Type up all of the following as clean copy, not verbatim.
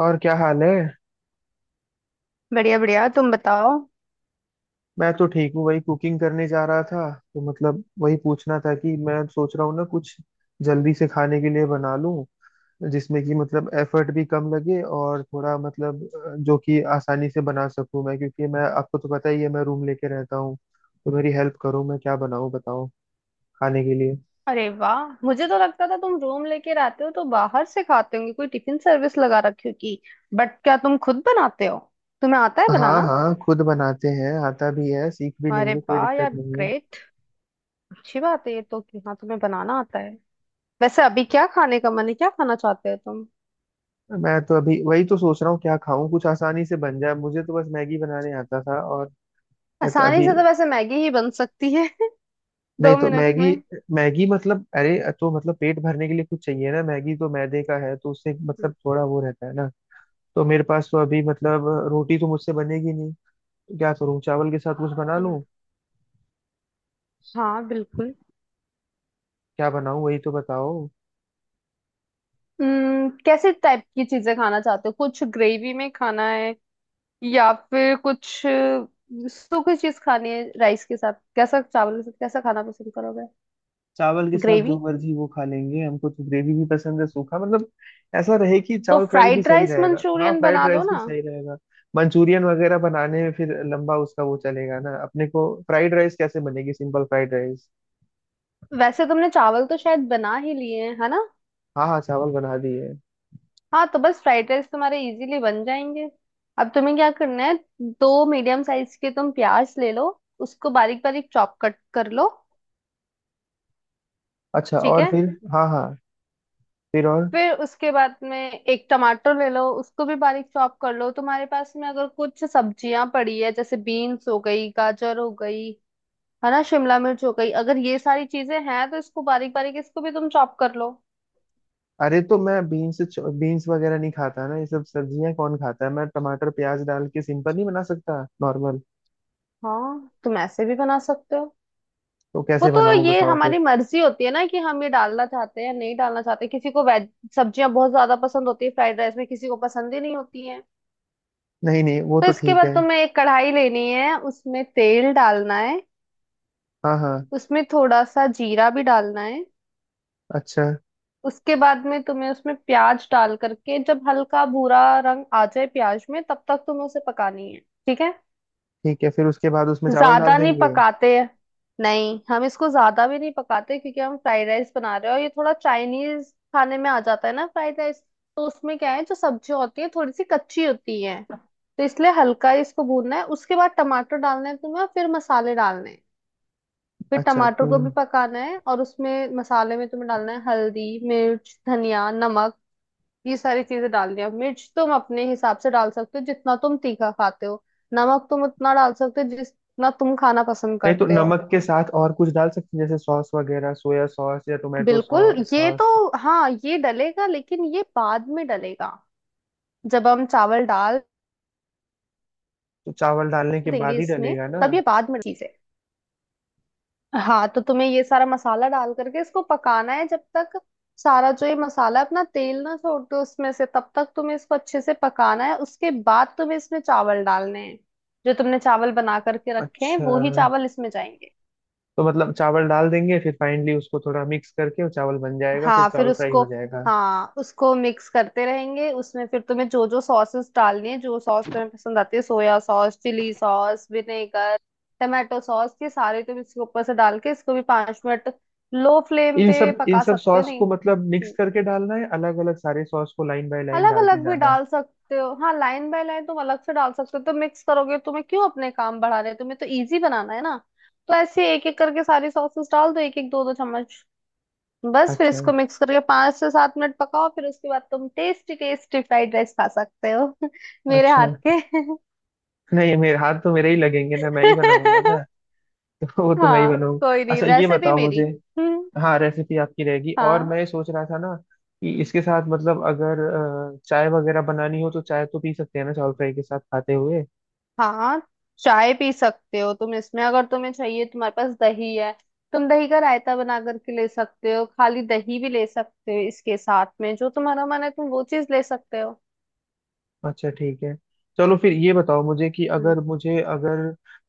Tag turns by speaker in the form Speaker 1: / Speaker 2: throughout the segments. Speaker 1: और क्या हाल है?
Speaker 2: बढ़िया बढ़िया, तुम बताओ।
Speaker 1: मैं तो ठीक हूँ, वही कुकिंग करने जा रहा था। तो मतलब वही पूछना था कि मैं सोच रहा हूँ ना, कुछ जल्दी से खाने के लिए बना लूँ, जिसमें कि मतलब एफर्ट भी कम लगे और थोड़ा मतलब जो कि आसानी से बना सकूँ मैं। क्योंकि मैं, आपको तो पता ही है, मैं रूम लेके रहता हूँ। तो मेरी हेल्प करो, मैं क्या बनाऊँ बताओ, खाने के लिए।
Speaker 2: अरे वाह, मुझे तो लगता था तुम रूम लेके रहते हो तो बाहर से खाते होंगे, कोई टिफिन सर्विस लगा रखी होगी। बट क्या तुम खुद बनाते हो? तुम्हें आता है
Speaker 1: हाँ
Speaker 2: बनाना?
Speaker 1: हाँ, खुद बनाते हैं, आता भी है, सीख भी
Speaker 2: अरे
Speaker 1: लेंगे, कोई
Speaker 2: वाह
Speaker 1: दिक्कत
Speaker 2: यार,
Speaker 1: नहीं है।
Speaker 2: ग्रेट। अच्छी बात है ये तो कि हाँ, तुम्हें बनाना आता है। वैसे अभी क्या खाने का मन है, क्या खाना चाहते हो तुम?
Speaker 1: मैं तो अभी वही तो सोच रहा हूँ, क्या खाऊं, कुछ आसानी से बन जाए। मुझे तो बस मैगी बनाने आता था और, बट
Speaker 2: आसानी
Speaker 1: अभी।
Speaker 2: से तो वैसे मैगी ही बन सकती है दो
Speaker 1: नहीं तो
Speaker 2: मिनट
Speaker 1: मैगी।
Speaker 2: में।
Speaker 1: मैगी मतलब, अरे तो मतलब पेट भरने के लिए कुछ चाहिए ना। मैगी तो मैदे का है, तो उससे मतलब थोड़ा वो रहता है ना। तो मेरे पास तो अभी, मतलब रोटी तो मुझसे बनेगी नहीं, तो क्या करूँ, चावल के साथ कुछ बना
Speaker 2: अच्छा।
Speaker 1: लूँ।
Speaker 2: हाँ बिल्कुल।
Speaker 1: क्या बनाऊँ वही तो बताओ।
Speaker 2: कैसे टाइप की चीजें खाना चाहते हो, कुछ ग्रेवी में खाना है या फिर कुछ सूखी चीज खानी है राइस के साथ? कैसा चावल के साथ कैसा खाना पसंद करोगे?
Speaker 1: चावल के साथ
Speaker 2: ग्रेवी।
Speaker 1: जो मर्जी वो खा लेंगे, हमको तो ग्रेवी भी पसंद है, सूखा मतलब ऐसा रहे कि
Speaker 2: तो
Speaker 1: चावल फ्राई भी
Speaker 2: फ्राइड
Speaker 1: सही
Speaker 2: राइस
Speaker 1: रहेगा। हाँ,
Speaker 2: मंचूरियन
Speaker 1: फ्राइड
Speaker 2: बना लो
Speaker 1: राइस भी
Speaker 2: ना।
Speaker 1: सही रहेगा। मंचूरियन वगैरह बनाने में फिर लंबा उसका वो चलेगा ना। अपने को फ्राइड राइस कैसे बनेगी, सिंपल फ्राइड राइस।
Speaker 2: वैसे तुमने चावल तो शायद बना ही लिए हैं, है ना?
Speaker 1: हाँ हाँ, चावल बना दिए।
Speaker 2: हाँ, तो बस फ्राइड राइस तुम्हारे इजीली बन जाएंगे। अब तुम्हें क्या करना है, 2 मीडियम साइज के तुम प्याज ले लो। उसको बारीक बारीक चॉप कट कर लो।
Speaker 1: अच्छा,
Speaker 2: ठीक
Speaker 1: और
Speaker 2: है।
Speaker 1: फिर? हाँ हाँ, फिर और?
Speaker 2: फिर उसके बाद में एक टमाटर ले लो, उसको भी बारीक चॉप कर लो। तुम्हारे पास में अगर कुछ सब्जियां पड़ी है, जैसे बीन्स हो गई, गाजर हो गई, है ना, शिमला मिर्च हो गई, अगर ये सारी चीजें हैं तो इसको बारीक बारीक इसको भी तुम चॉप कर लो।
Speaker 1: अरे, तो मैं बीन्स बीन्स वगैरह नहीं खाता ना। ये सब सब्जियां कौन खाता है। मैं टमाटर प्याज डाल के सिंपल नहीं बना सकता नॉर्मल?
Speaker 2: हाँ, तुम ऐसे भी बना सकते हो।
Speaker 1: तो
Speaker 2: वो
Speaker 1: कैसे
Speaker 2: तो
Speaker 1: बनाऊं
Speaker 2: ये
Speaker 1: बताओ फिर।
Speaker 2: हमारी मर्जी होती है ना कि हम ये डालना चाहते हैं या नहीं डालना चाहते, किसी को वेज सब्जियां बहुत ज्यादा पसंद होती है फ्राइड राइस में, किसी को पसंद ही नहीं होती है।
Speaker 1: नहीं नहीं, वो
Speaker 2: तो
Speaker 1: तो
Speaker 2: इसके
Speaker 1: ठीक
Speaker 2: बाद
Speaker 1: है।
Speaker 2: तुम्हें एक कढ़ाई लेनी है, उसमें तेल डालना है।
Speaker 1: हाँ हाँ।
Speaker 2: उसमें थोड़ा सा जीरा भी डालना है।
Speaker 1: अच्छा,
Speaker 2: उसके बाद में तुम्हें उसमें प्याज डाल करके जब हल्का भूरा रंग आ जाए प्याज में, तब तक तुम्हें उसे पकानी है। ठीक है,
Speaker 1: ठीक है, फिर उसके बाद उसमें चावल
Speaker 2: ज्यादा
Speaker 1: डाल
Speaker 2: नहीं
Speaker 1: देंगे।
Speaker 2: पकाते। नहीं, हम इसको ज्यादा भी नहीं पकाते क्योंकि हम फ्राइड राइस बना रहे हैं और ये थोड़ा चाइनीज खाने में आ जाता है ना फ्राइड राइस। तो उसमें क्या है, जो सब्जी होती है थोड़ी सी कच्ची होती है तो इसलिए हल्का ही इसको भूनना है। उसके बाद टमाटर डालना है तुम्हें और फिर मसाले डालने हैं। फिर
Speaker 1: अच्छा।
Speaker 2: टमाटर
Speaker 1: तो
Speaker 2: को भी पकाना है और उसमें मसाले में तुम्हें डालना है हल्दी मिर्च धनिया नमक, ये सारी चीजें डालनी है। मिर्च तुम अपने हिसाब से डाल सकते हो जितना तुम तीखा खाते हो, नमक तुम उतना डाल सकते हो जितना तुम खाना पसंद
Speaker 1: नहीं तो
Speaker 2: करते हो।
Speaker 1: नमक के साथ और कुछ डाल सकते हैं, जैसे सॉस वगैरह, सोया सॉस या टोमेटो
Speaker 2: बिल्कुल, ये तो।
Speaker 1: सॉस?
Speaker 2: हाँ ये डलेगा, लेकिन ये बाद में डलेगा, जब हम चावल डाल
Speaker 1: तो चावल डालने के
Speaker 2: देंगे
Speaker 1: बाद ही
Speaker 2: इसमें,
Speaker 1: डलेगा ना।
Speaker 2: तब। ये बाद में चीज है। हाँ, तो तुम्हें ये सारा मसाला डाल करके इसको पकाना है जब तक सारा जो ये मसाला अपना तेल ना छोड़ दे उसमें से, तब तक तुम्हें इसको अच्छे से पकाना है। उसके बाद तुम्हें इसमें चावल डालने हैं। जो तुमने चावल बना करके रखे हैं
Speaker 1: अच्छा,
Speaker 2: वो ही चावल इसमें जाएंगे।
Speaker 1: तो मतलब चावल डाल देंगे, फिर फाइनली उसको थोड़ा मिक्स करके वो चावल बन जाएगा, फिर
Speaker 2: हाँ, फिर
Speaker 1: चावल फ्राई
Speaker 2: उसको,
Speaker 1: हो जाएगा।
Speaker 2: हाँ, उसको मिक्स करते रहेंगे। उसमें फिर तुम्हें जो जो सॉसेस डालनी है, जो सॉस तुम्हें पसंद आती है, soya sauce, chilli sauce, vinegar, tomato sauce, ये सारे तुम इसके ऊपर से डाल के इसको भी 5 मिनट लो फ्लेम
Speaker 1: इन
Speaker 2: पे
Speaker 1: सब इन
Speaker 2: पका
Speaker 1: सब
Speaker 2: सकते हो।
Speaker 1: सॉस को
Speaker 2: नहीं,
Speaker 1: मतलब मिक्स करके डालना है, अलग अलग सारे सॉस को लाइन बाय लाइन
Speaker 2: अलग अलग
Speaker 1: डालते
Speaker 2: भी
Speaker 1: जाना है?
Speaker 2: डाल सकते हो, हाँ, लाइन बाय लाइन तुम अलग से डाल सकते हो, तो मिक्स करोगे? तुम्हें क्यों अपने काम बढ़ा रहे हैं, तुम्हें तो इजी बनाना है ना। तो ऐसे एक एक करके सारी सॉसेस डाल दो, एक एक दो दो चम्मच, बस। फिर
Speaker 1: अच्छा।
Speaker 2: इसको मिक्स करके 5 से 7 मिनट पकाओ, फिर उसके बाद तुम टेस्टी टेस्टी फ्राइड राइस खा सकते हो मेरे हाथ
Speaker 1: अच्छा,
Speaker 2: के।
Speaker 1: नहीं मेरे हाथ तो मेरे ही लगेंगे ना, मैं ही बनाऊंगा ना। तो वो तो मैं ही
Speaker 2: हाँ
Speaker 1: बनाऊंगा।
Speaker 2: कोई नहीं,
Speaker 1: अच्छा ये
Speaker 2: रेसिपी
Speaker 1: बताओ
Speaker 2: मेरी।
Speaker 1: मुझे,
Speaker 2: हम्म,
Speaker 1: हाँ रेसिपी आपकी रहेगी, और
Speaker 2: हाँ
Speaker 1: मैं सोच रहा था ना कि इसके साथ मतलब अगर चाय वगैरह बनानी हो, तो चाय तो पी सकते हैं ना चावल फ्राई के साथ खाते हुए?
Speaker 2: हाँ, चाय पी सकते हो तुम इसमें, अगर तुम्हें चाहिए। तुम्हारे पास दही है, तुम दही का रायता बना करके ले सकते हो, खाली दही भी ले सकते हो। इसके साथ में जो तुम्हारा मन है तुम वो चीज ले सकते हो।
Speaker 1: अच्छा, ठीक है। चलो फिर ये बताओ मुझे कि
Speaker 2: हम्म,
Speaker 1: अगर मुझे, अगर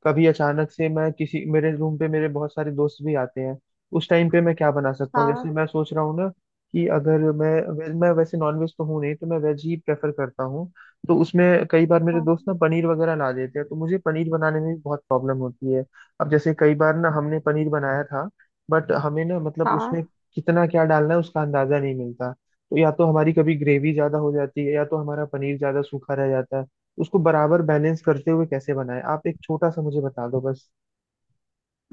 Speaker 1: कभी अचानक से, मैं किसी, मेरे रूम पे मेरे बहुत सारे दोस्त भी आते हैं, उस टाइम पे मैं क्या बना सकता हूँ?
Speaker 2: हाँ
Speaker 1: जैसे मैं सोच रहा हूँ ना कि अगर मैं वैसे नॉनवेज तो हूँ नहीं, तो मैं वेज ही प्रेफर करता हूँ। तो उसमें कई बार मेरे
Speaker 2: हाँ
Speaker 1: दोस्त ना पनीर वगैरह ला देते हैं, तो मुझे पनीर बनाने में भी बहुत प्रॉब्लम होती है। अब जैसे कई बार ना हमने पनीर बनाया था, बट हमें ना, मतलब उसमें
Speaker 2: हाँ,
Speaker 1: कितना क्या डालना है उसका अंदाजा नहीं मिलता। तो या तो हमारी कभी ग्रेवी ज्यादा हो जाती है, या तो हमारा पनीर ज्यादा सूखा रह जाता है। उसको बराबर बैलेंस करते हुए कैसे बनाएं आप, एक छोटा सा मुझे बता दो बस।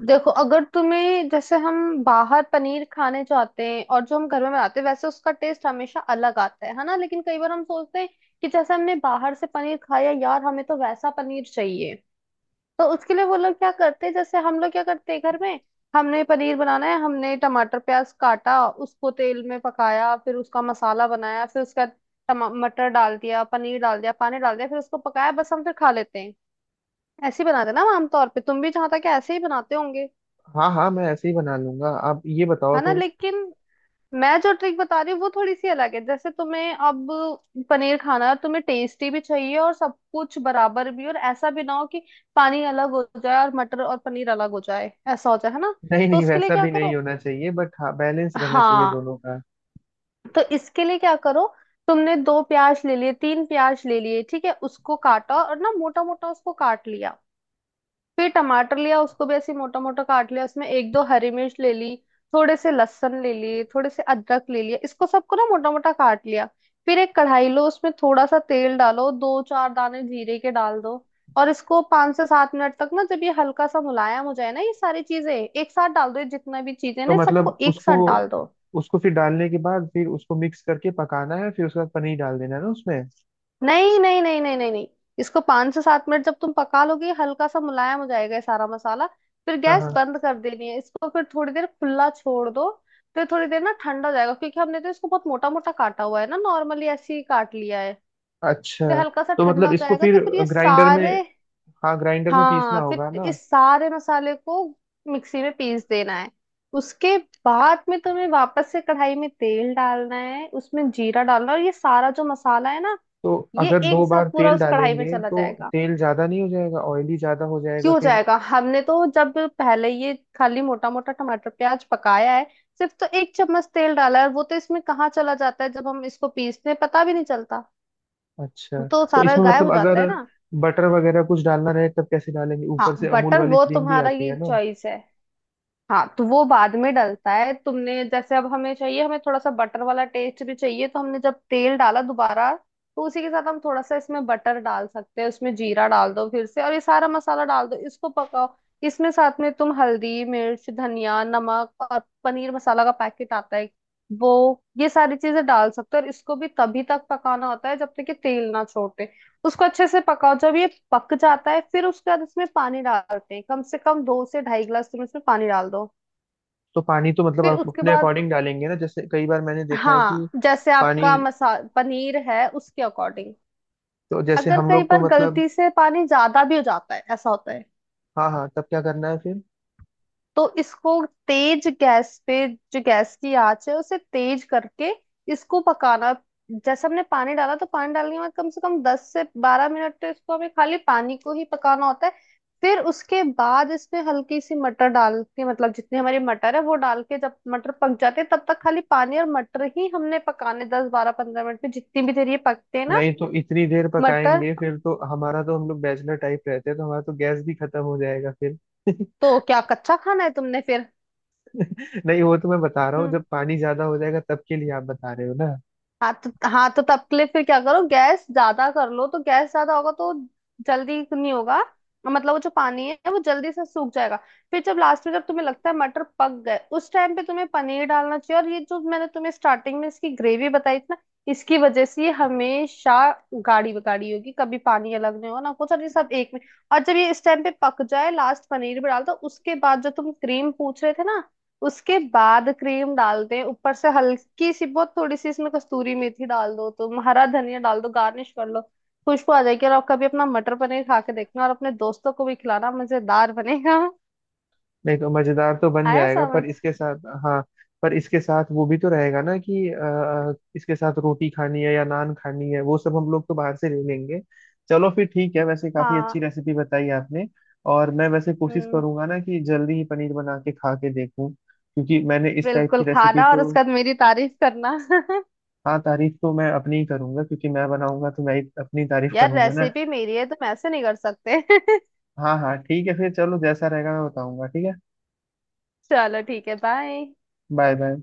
Speaker 2: देखो, अगर तुम्हें, जैसे हम बाहर पनीर खाने जाते हैं और जो हम घर में बनाते हैं, वैसे उसका टेस्ट हमेशा अलग आता है ना। लेकिन कई बार हम सोचते हैं कि जैसे हमने बाहर से पनीर खाया, यार हमें तो वैसा पनीर चाहिए। तो उसके लिए वो लोग क्या करते हैं, जैसे हम लोग क्या करते हैं घर में, हमने पनीर बनाना है, हमने टमाटर प्याज काटा, उसको तेल में पकाया, फिर उसका मसाला बनाया, फिर उसका मटर डाल दिया, पनीर डाल दिया, पानी डाल दिया, फिर उसको पकाया, बस हम फिर खा लेते हैं। ऐसे ही बनाते हैं ना हम आमतौर पे, तुम भी जहां तक है, ऐसे ही बनाते होंगे,
Speaker 1: हाँ हाँ, मैं ऐसे ही बना लूंगा, आप ये बताओ
Speaker 2: है ना।
Speaker 1: फिर।
Speaker 2: लेकिन मैं जो ट्रिक बता रही हूँ वो थोड़ी सी अलग है। जैसे तुम्हें अब पनीर खाना है, तुम्हें टेस्टी भी चाहिए और सब कुछ बराबर भी, और ऐसा भी ना हो कि पानी अलग हो जाए और मटर और पनीर अलग हो जाए, ऐसा हो जाए, है ना।
Speaker 1: नहीं
Speaker 2: तो
Speaker 1: नहीं,
Speaker 2: उसके लिए
Speaker 1: वैसा
Speaker 2: क्या
Speaker 1: भी नहीं
Speaker 2: करो,
Speaker 1: होना चाहिए, बट हाँ, बैलेंस रहना चाहिए
Speaker 2: हाँ,
Speaker 1: दोनों का।
Speaker 2: तो इसके लिए क्या करो, तुमने 2 प्याज ले लिए 3 प्याज ले लिए, ठीक है, उसको काटा और ना, मोटा मोटा उसको काट लिया। फिर टमाटर लिया, उसको भी ऐसे मोटा मोटा काट लिया। उसमें एक दो हरी मिर्च ले ली, थोड़े से लहसुन ले लिए, थोड़े से अदरक ले लिया, इसको सबको ना मोटा मोटा काट लिया। फिर एक कढ़ाई लो, उसमें थोड़ा सा तेल डालो, दो चार दाने जीरे के डाल दो, और इसको 5 से 7 मिनट तक ना, जब ये हल्का सा मुलायम हो जाए ना, ये सारी चीजें एक साथ डाल दो, ये जितना भी चीजें
Speaker 1: तो
Speaker 2: ना सबको
Speaker 1: मतलब
Speaker 2: एक
Speaker 1: उसको
Speaker 2: साथ डाल दो।
Speaker 1: उसको फिर डालने के बाद, फिर उसको मिक्स करके पकाना है, फिर उसके बाद पनीर डाल देना है ना उसमें?
Speaker 2: नहीं नहीं नहीं नहीं नहीं नहीं। इसको 5 से 7 मिनट जब तुम पका लोगे, हल्का सा मुलायम हो जाएगा ये सारा मसाला, फिर
Speaker 1: हाँ
Speaker 2: गैस
Speaker 1: हाँ,
Speaker 2: बंद कर देनी है इसको, फिर थोड़ी देर खुला छोड़ दो, फिर थोड़ी देर ना ठंडा हो जाएगा, क्योंकि हमने तो इसको बहुत मोटा मोटा काटा हुआ है ना नॉर्मली, ऐसे ही काट लिया है तो
Speaker 1: अच्छा,
Speaker 2: हल्का सा
Speaker 1: तो
Speaker 2: ठंडा
Speaker 1: मतलब
Speaker 2: हो
Speaker 1: इसको
Speaker 2: जाएगा। तो
Speaker 1: फिर
Speaker 2: फिर ये
Speaker 1: ग्राइंडर में,
Speaker 2: सारे,
Speaker 1: हाँ, ग्राइंडर में पीसना
Speaker 2: हाँ,
Speaker 1: होगा
Speaker 2: फिर
Speaker 1: ना?
Speaker 2: इस सारे मसाले को मिक्सी में पीस देना है। उसके बाद में तुम्हें वापस से कढ़ाई में तेल डालना है, उसमें जीरा डालना है और ये सारा जो मसाला है ना
Speaker 1: तो
Speaker 2: ये
Speaker 1: अगर दो
Speaker 2: एक
Speaker 1: बार
Speaker 2: साथ पूरा
Speaker 1: तेल
Speaker 2: उस कढ़ाई में
Speaker 1: डालेंगे
Speaker 2: चला
Speaker 1: तो
Speaker 2: जाएगा।
Speaker 1: तेल ज्यादा नहीं हो जाएगा, ऑयली ज्यादा हो जाएगा
Speaker 2: क्यों
Speaker 1: फिर?
Speaker 2: जाएगा, हमने तो जब पहले ये खाली मोटा मोटा टमाटर प्याज पकाया है, सिर्फ तो एक चम्मच तेल डाला है, और वो तो इसमें कहाँ चला जाता है, जब हम इसको पीसते हैं पता भी नहीं चलता, वो
Speaker 1: अच्छा।
Speaker 2: तो
Speaker 1: तो
Speaker 2: सारा
Speaker 1: इसमें
Speaker 2: गायब हो
Speaker 1: मतलब
Speaker 2: जाता
Speaker 1: अगर
Speaker 2: है ना।
Speaker 1: बटर वगैरह कुछ डालना रहे तब कैसे डालेंगे? ऊपर से
Speaker 2: हाँ,
Speaker 1: अमूल
Speaker 2: बटर
Speaker 1: वाली
Speaker 2: वो
Speaker 1: क्रीम भी
Speaker 2: तुम्हारा
Speaker 1: आती
Speaker 2: ये
Speaker 1: है ना।
Speaker 2: चॉइस है, हाँ, तो वो बाद में डलता है। तुमने जैसे, अब हमें चाहिए हमें थोड़ा सा बटर वाला टेस्ट भी चाहिए, तो हमने जब तेल डाला दोबारा, तो उसी के साथ हम थोड़ा सा इसमें बटर डाल सकते हैं। उसमें जीरा डाल दो फिर से और ये सारा मसाला डाल दो, इसको पकाओ। इसमें साथ में तुम हल्दी मिर्च धनिया नमक और पनीर मसाला का पैकेट आता है वो, ये सारी चीजें डाल सकते हो। और इसको भी तभी तक पकाना होता है जब तक कि तेल ना छोड़े, उसको अच्छे से पकाओ। जब ये पक जाता है फिर उसके बाद इसमें पानी डालते हैं, कम से कम 2 से ढाई गिलास तुम इसमें पानी डाल दो।
Speaker 1: तो पानी तो मतलब
Speaker 2: फिर
Speaker 1: आप
Speaker 2: उसके
Speaker 1: अपने
Speaker 2: बाद,
Speaker 1: अकॉर्डिंग डालेंगे ना, जैसे कई बार मैंने देखा है कि
Speaker 2: हाँ, जैसे
Speaker 1: पानी,
Speaker 2: आपका मसा पनीर है उसके अकॉर्डिंग।
Speaker 1: तो जैसे
Speaker 2: अगर
Speaker 1: हम
Speaker 2: कई
Speaker 1: लोग तो
Speaker 2: बार
Speaker 1: मतलब,
Speaker 2: गलती से पानी ज्यादा भी हो जाता है, ऐसा होता है,
Speaker 1: हाँ हाँ, तब क्या करना है फिर?
Speaker 2: तो इसको तेज गैस पे, जो गैस की आंच है उसे तेज करके इसको पकाना। जैसे हमने पानी डाला तो पानी डालने के बाद कम से कम 10 से 12 मिनट तो इसको हमें खाली पानी को ही पकाना होता है। फिर उसके बाद इसमें हल्की सी मटर डाल के, मतलब जितनी हमारी मटर है वो डाल के, जब मटर पक जाते हैं तब तक खाली पानी और मटर ही हमने पकाने, 10 12 15 मिनट में जितनी भी देर ये पकते हैं ना
Speaker 1: नहीं तो इतनी देर
Speaker 2: मटर,
Speaker 1: पकाएंगे फिर तो हमारा, तो हम लोग बैचलर टाइप रहते हैं, तो हमारा तो गैस भी खत्म हो जाएगा फिर।
Speaker 2: तो क्या कच्चा खाना है तुमने फिर?
Speaker 1: नहीं, वो तो मैं बता रहा हूँ,
Speaker 2: हम्म।
Speaker 1: जब पानी ज्यादा हो जाएगा तब के लिए आप बता रहे हो ना।
Speaker 2: हाँ तो, हाँ तो तब के लिए फिर क्या करो, गैस ज्यादा कर लो, तो गैस ज्यादा होगा तो जल्दी नहीं होगा, मतलब वो जो पानी है वो जल्दी से सूख जाएगा। फिर जब लास्ट में, जब तुम्हें लगता है मटर पक गए, उस टाइम पे तुम्हें पनीर डालना चाहिए। और ये जो मैंने तुम्हें स्टार्टिंग में इसकी ग्रेवी बताई थी ना, इसकी वजह से ये हमेशा गाढ़ी गाढ़ी होगी, कभी पानी अलग नहीं होगा ना कुछ, और ये सब एक में। और जब ये इस टाइम पे पक जाए लास्ट, पनीर भी डाल दो। उसके बाद जो तुम क्रीम पूछ रहे थे ना, उसके बाद क्रीम डालते हैं ऊपर से हल्की सी, बहुत थोड़ी सी। इसमें कस्तूरी मेथी डाल दो, तुम हरा धनिया डाल दो, गार्निश कर लो, खुशबू आ जाएगी। और आप कभी अपना मटर पनीर खा के देखना और अपने दोस्तों को भी खिलाना, मजेदार बनेगा।
Speaker 1: नहीं तो मजेदार तो बन
Speaker 2: आया
Speaker 1: जाएगा, पर
Speaker 2: समझ?
Speaker 1: इसके साथ, हाँ, पर इसके साथ वो भी तो रहेगा ना कि इसके साथ रोटी खानी है या नान खानी है, वो सब हम लोग तो बाहर से ले लेंगे। चलो फिर ठीक है, वैसे काफी अच्छी
Speaker 2: हाँ।
Speaker 1: रेसिपी बताई आपने। और मैं वैसे कोशिश
Speaker 2: हम्म,
Speaker 1: करूंगा ना कि जल्दी ही पनीर बना के खा के देखूं, क्योंकि मैंने इस टाइप
Speaker 2: बिल्कुल
Speaker 1: की रेसिपी
Speaker 2: खाना और
Speaker 1: तो,
Speaker 2: उसके बाद मेरी तारीफ करना।
Speaker 1: हाँ तारीफ तो मैं अपनी ही करूंगा, क्योंकि मैं बनाऊंगा तो मैं ही अपनी तारीफ
Speaker 2: यार,
Speaker 1: करूंगा।
Speaker 2: रेसिपी मेरी है, तुम ऐसे नहीं कर सकते।
Speaker 1: हाँ हाँ, ठीक है फिर, चलो जैसा रहेगा मैं बताऊंगा, ठीक है।
Speaker 2: चलो ठीक है, बाय।
Speaker 1: Bye bye.